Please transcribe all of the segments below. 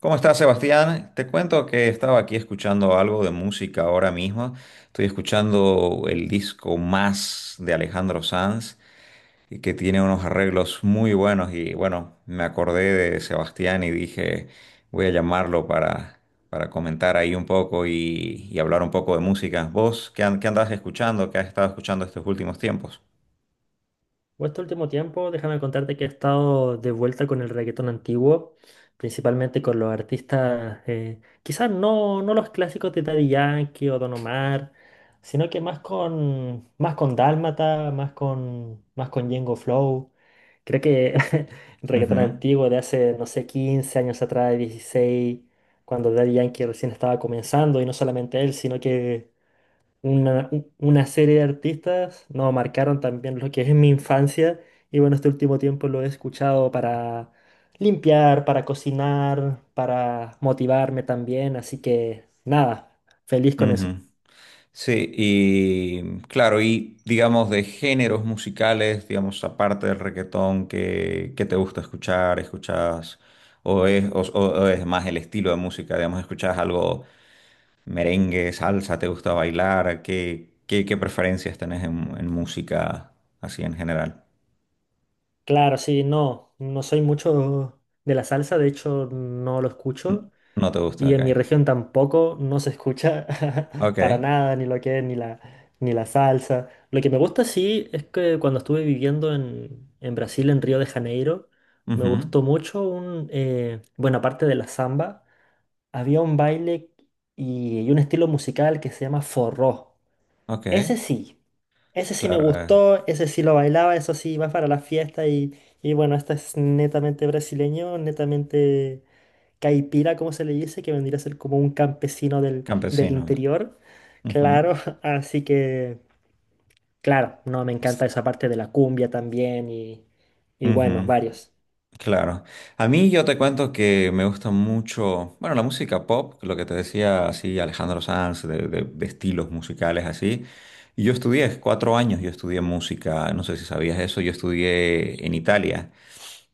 ¿Cómo estás, Sebastián? Te cuento que estaba aquí escuchando algo de música ahora mismo. Estoy escuchando el disco Más de Alejandro Sanz, y que tiene unos arreglos muy buenos. Y bueno, me acordé de Sebastián y dije, voy a llamarlo para comentar ahí un poco y hablar un poco de música. ¿Vos qué andás escuchando? ¿Qué has estado escuchando estos últimos tiempos? Pues este último tiempo, déjame contarte que he estado de vuelta con el reggaetón antiguo, principalmente con los artistas, quizás no los clásicos de Daddy Yankee o Don Omar, sino que más con Dálmata, más con Django Flow. Creo que el reggaetón Ujú, antiguo de hace, no sé, 15 años atrás, 16, cuando Daddy Yankee recién estaba comenzando, y no solamente él, sino que una serie de artistas, no, marcaron también lo que es mi infancia. Y bueno, este último tiempo lo he escuchado para limpiar, para cocinar, para motivarme también, así que nada, feliz con eso. ujú. Sí, y claro, y digamos de géneros musicales, digamos, aparte del reggaetón, ¿que te gusta escuchar? ¿Escuchas o es más el estilo de música? Digamos, ¿escuchas algo merengue, salsa? ¿Te gusta bailar? ¿ qué preferencias tenés en música así en general? Claro, sí, no, no soy mucho de la salsa, de hecho no lo N- escucho. No te gusta, Y ok. en mi región tampoco no se escucha Ok, para nada, ni la salsa. Lo que me gusta sí es que cuando estuve viviendo en Brasil, en Río de Janeiro, me ujú, gustó mucho un, bueno, aparte de la samba, había un baile y un estilo musical que se llama forró. ok, Ese sí, ese sí me claro, gustó, ese sí lo bailaba, eso sí, va para la fiesta y bueno, este es netamente brasileño, netamente caipira, como se le dice, que vendría a ser como un campesino del, del campesino. interior. Ujú, Claro, así que, claro, no, me encanta esa parte de la cumbia también y bueno, ujú. varios. Claro. A mí yo te cuento que me gusta mucho, bueno, la música pop, lo que te decía así Alejandro Sanz, de estilos musicales así. Y yo estudié, cuatro años yo estudié música, no sé si sabías eso, yo estudié en Italia,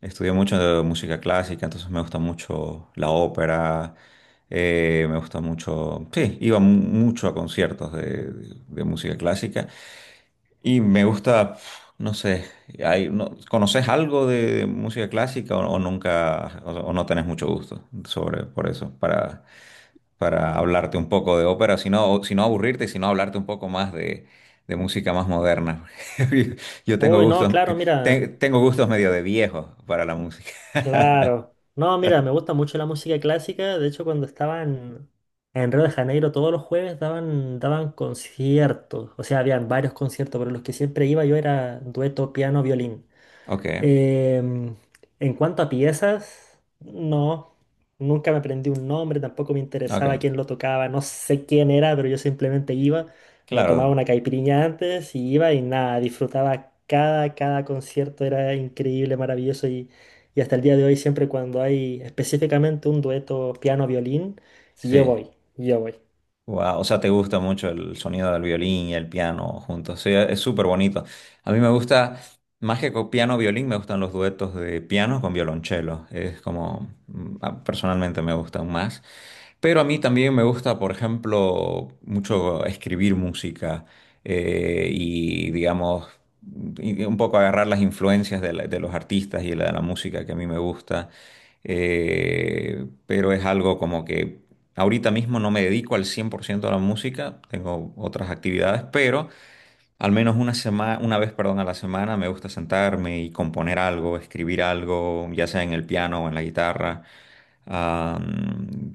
estudié mucho de música clásica, entonces me gusta mucho la ópera, me gusta mucho, sí, iba mucho a conciertos de música clásica. Y me gusta, pf, no sé, hay, no, ¿conoces algo de música clásica o nunca, o no tenés mucho gusto sobre, por eso, para hablarte un poco de ópera, sino aburrirte, sino hablarte un poco más de música más moderna? Yo tengo Uy, no, gustos, claro, mira, tengo gustos medio de viejo para la música. claro. No, mira, me gusta mucho la música clásica. De hecho, cuando estaban en Río de Janeiro, todos los jueves daban, daban conciertos. O sea, habían varios conciertos, pero los que siempre iba yo era dueto piano-violín. Ok, Em, en cuanto a piezas, no, nunca me aprendí un nombre, tampoco me interesaba ok, quién lo tocaba, no sé quién era, pero yo simplemente iba, me tomaba claro, una caipirinha antes y iba y nada, disfrutaba cada, cada concierto, era increíble, maravilloso y hasta el día de hoy siempre cuando hay específicamente un dueto piano-violín, yo sí. voy, yo voy. Wow, o sea, te gusta mucho el sonido del violín y el piano juntos. Sí, es súper bonito. A mí me gusta, más que con piano violín, me gustan los duetos de piano con violonchelo. Es como, personalmente me gustan más. Pero a mí también me gusta, por ejemplo, mucho escribir música digamos, y un poco agarrar las influencias de los artistas y de la música que a mí me gusta. Pero es algo como que ahorita mismo no me dedico al 100% a la música, tengo otras actividades, pero al menos una vez, a la semana me gusta sentarme y componer algo, escribir algo, ya sea en el piano o en la guitarra. Ah,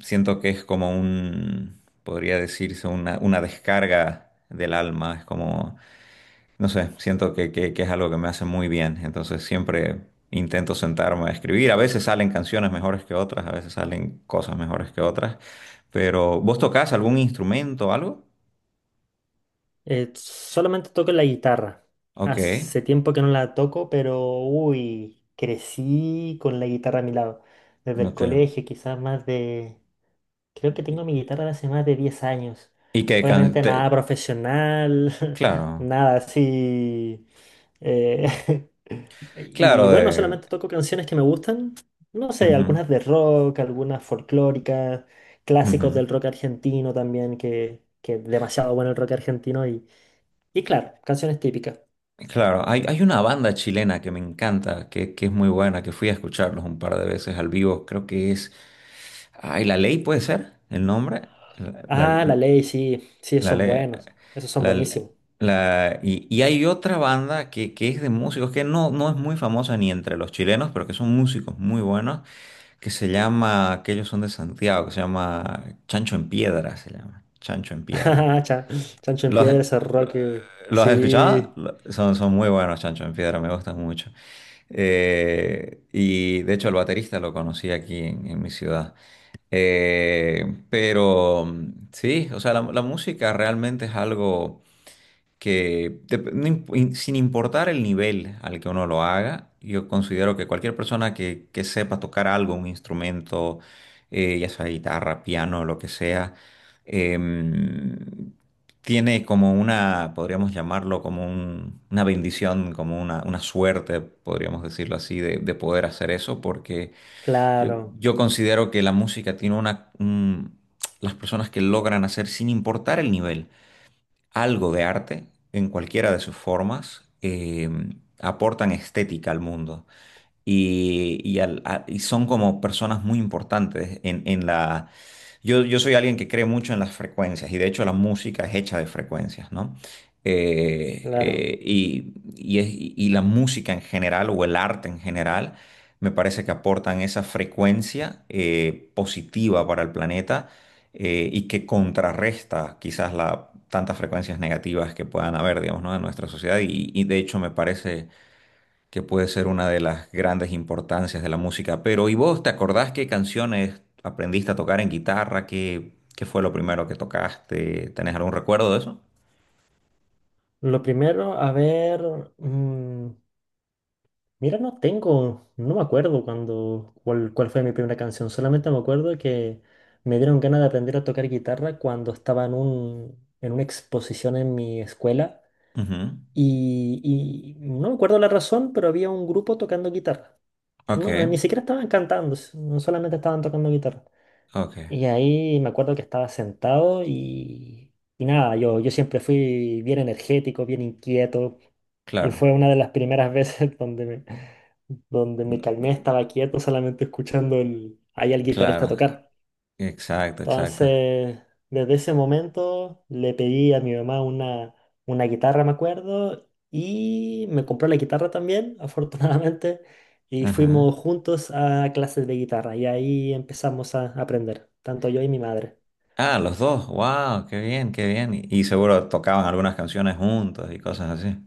siento que es como podría decirse, una descarga del alma. Es como, no sé, siento que es algo que me hace muy bien. Entonces siempre intento sentarme a escribir. A veces salen canciones mejores que otras, a veces salen cosas mejores que otras. Pero, ¿vos tocás algún instrumento o algo? Solamente toco la guitarra. Ok, Hace tiempo que no la toco, pero uy, crecí con la guitarra a mi lado. Desde el ok. colegio, quizás más de... Creo que tengo mi guitarra de hace más de 10 años. Y que can- Obviamente nada profesional, claro, nada así. eh, y claro, bueno, de, solamente toco canciones que me gustan. No sé, ujú, algunas de rock, algunas folclóricas, ujú. clásicos del rock argentino también, que es demasiado bueno el rock argentino, y claro, canciones típicas. Claro, hay una banda chilena que me encanta, que es muy buena, que fui a escucharlos un par de veces al vivo, creo que es, ay, La Ley puede ser el nombre, la, Ah, La la, Ley, sí, sí, esos la son Ley, buenos. Esos son la, buenísimos. Y hay otra banda que es de músicos que no, no es muy famosa ni entre los chilenos, pero que son músicos muy buenos, que se llama, que ellos son de Santiago, que se llama Chancho en Piedra, se llama, Chancho en Piedra. Chan- Chancho en ¿Los, Piedra, ese Roque. los has escuchado? Sí, Son, son muy buenos Chancho en Piedra, me gustan mucho. Y de hecho el baterista lo conocí aquí en mi ciudad. Sí, o sea, la música realmente es algo que sin importar el nivel al que uno lo haga, yo considero que cualquier persona que sepa tocar algo, un instrumento, ya sea guitarra, piano, lo que sea, em, tiene como una, podríamos llamarlo como una bendición, como una suerte, podríamos decirlo así, de poder hacer eso, porque yo, claro, yo considero que la música tiene una, las personas que logran hacer sin importar el nivel algo de arte en cualquiera de sus formas, aportan estética al mundo y y son como personas muy importantes en la... Yo soy alguien que cree mucho en las frecuencias y de hecho la música es hecha de frecuencias, ¿no? Claro. Y la música en general o el arte en general me parece que aportan esa frecuencia positiva para el planeta y que contrarresta quizás la, tantas frecuencias negativas que puedan haber, digamos, ¿no? En nuestra sociedad y de hecho me parece que puede ser una de las grandes importancias de la música. Pero, ¿y vos te acordás qué canciones aprendiste a tocar en guitarra? ¿Qué fue lo primero que tocaste? ¿Tenés algún recuerdo de eso? Lo primero, a ver. mm, Mira, no tengo, no me acuerdo cuando, cuál, cuál fue mi primera canción. Solamente me acuerdo que me dieron ganas de aprender a tocar guitarra cuando estaba en un, en una exposición en mi escuela. Ujú. Y no me acuerdo la razón, pero había un grupo tocando guitarra. Ok, No, ni siquiera estaban cantando, no solamente estaban tocando guitarra. ok, Y ahí me acuerdo que estaba sentado y nada, yo siempre fui bien energético, bien inquieto. Y claro, fue una de las primeras veces donde me calmé, estaba quieto, solamente escuchando el, ahí al guitarrista claro, tocar. exacto, exacto. Entonces, desde ese momento le pedí a mi mamá una guitarra, me acuerdo, y me compró la guitarra también, afortunadamente, y Ajá. fuimos juntos a clases de guitarra y ahí empezamos a aprender, tanto yo y mi madre. Ah, los dos, wow, qué bien, qué bien. Y seguro tocaban algunas canciones juntos y cosas así.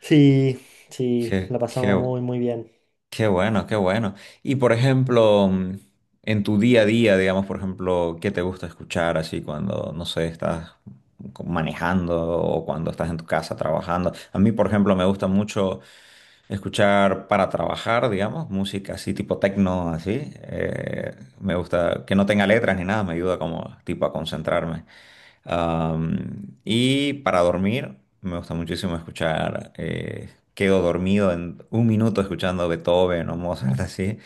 Sí, sí, Qué, la pasamos qué, muy, muy bien. Qué bueno, qué bueno. Y por ejemplo, mm, en tu día a día, digamos, por ejemplo, ¿qué te gusta escuchar así cuando, no sé, estás manejando o cuando estás en tu casa trabajando? A mí, por ejemplo, me gusta mucho escuchar para trabajar, digamos, música así tipo techno, así. Me gusta que no tenga letras ni nada, me ayuda como tipo a concentrarme. Am, y para dormir, me gusta muchísimo escuchar, quedo dormido en un minuto escuchando Beethoven o Mozart, así,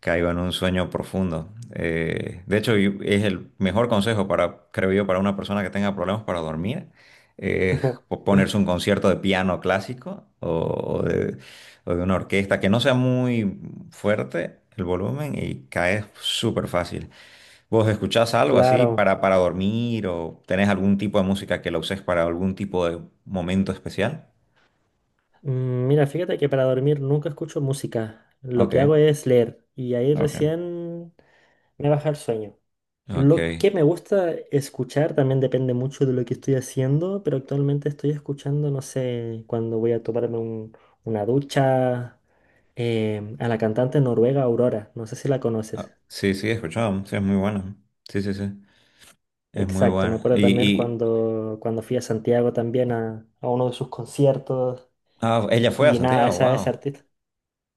caigo en un sueño profundo. De hecho, es el mejor consejo para, creo yo, para una persona que tenga problemas para dormir, es ponerse un concierto de piano clásico o de una orquesta que no sea muy fuerte el volumen y caes súper fácil. ¿Vos escuchás algo así Claro. Para dormir o tenés algún tipo de música que la uses para algún tipo de momento especial? Mira, fíjate que para dormir nunca escucho música. Lo que Ok, hago es leer y ahí ok, recién me baja el sueño. Lo ok. que me gusta escuchar también depende mucho de lo que estoy haciendo, pero actualmente estoy escuchando, no sé, cuando voy a tomarme una ducha, a la cantante noruega Aurora, no sé si la Ah, conoces. sí, sí, escuchamos, sí, es muy buena. Sí, sí, sí, es muy Exacto, me buena. acuerdo Y, también y cuando, cuando fui a Santiago también a uno de sus conciertos ah, ella fue a y nada, Santiago, esa es wow. artista.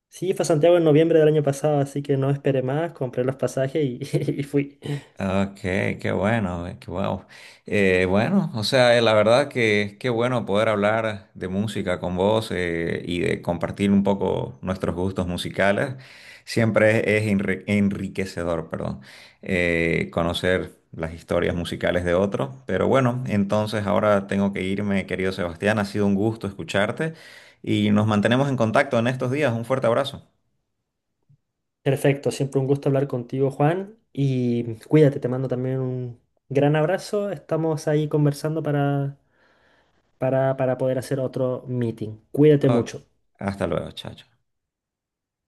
Sí, fue a Santiago en noviembre del año pasado, así que no esperé más, compré los pasajes y y fui. Ok, qué bueno, qué bueno. Bueno, o sea, la verdad que qué bueno poder hablar de música con vos y de compartir un poco nuestros gustos musicales. Siempre es enriquecedor, perdón, conocer las historias musicales de otros. Pero bueno, entonces ahora tengo que irme, querido Sebastián. Ha sido un gusto escucharte y nos mantenemos en contacto en estos días. Un fuerte abrazo. Perfecto, siempre un gusto hablar contigo, Juan, y cuídate, te mando también un gran abrazo. Estamos ahí conversando para poder hacer otro meeting. Cuídate Ok, mucho. hasta luego, chao. Chao.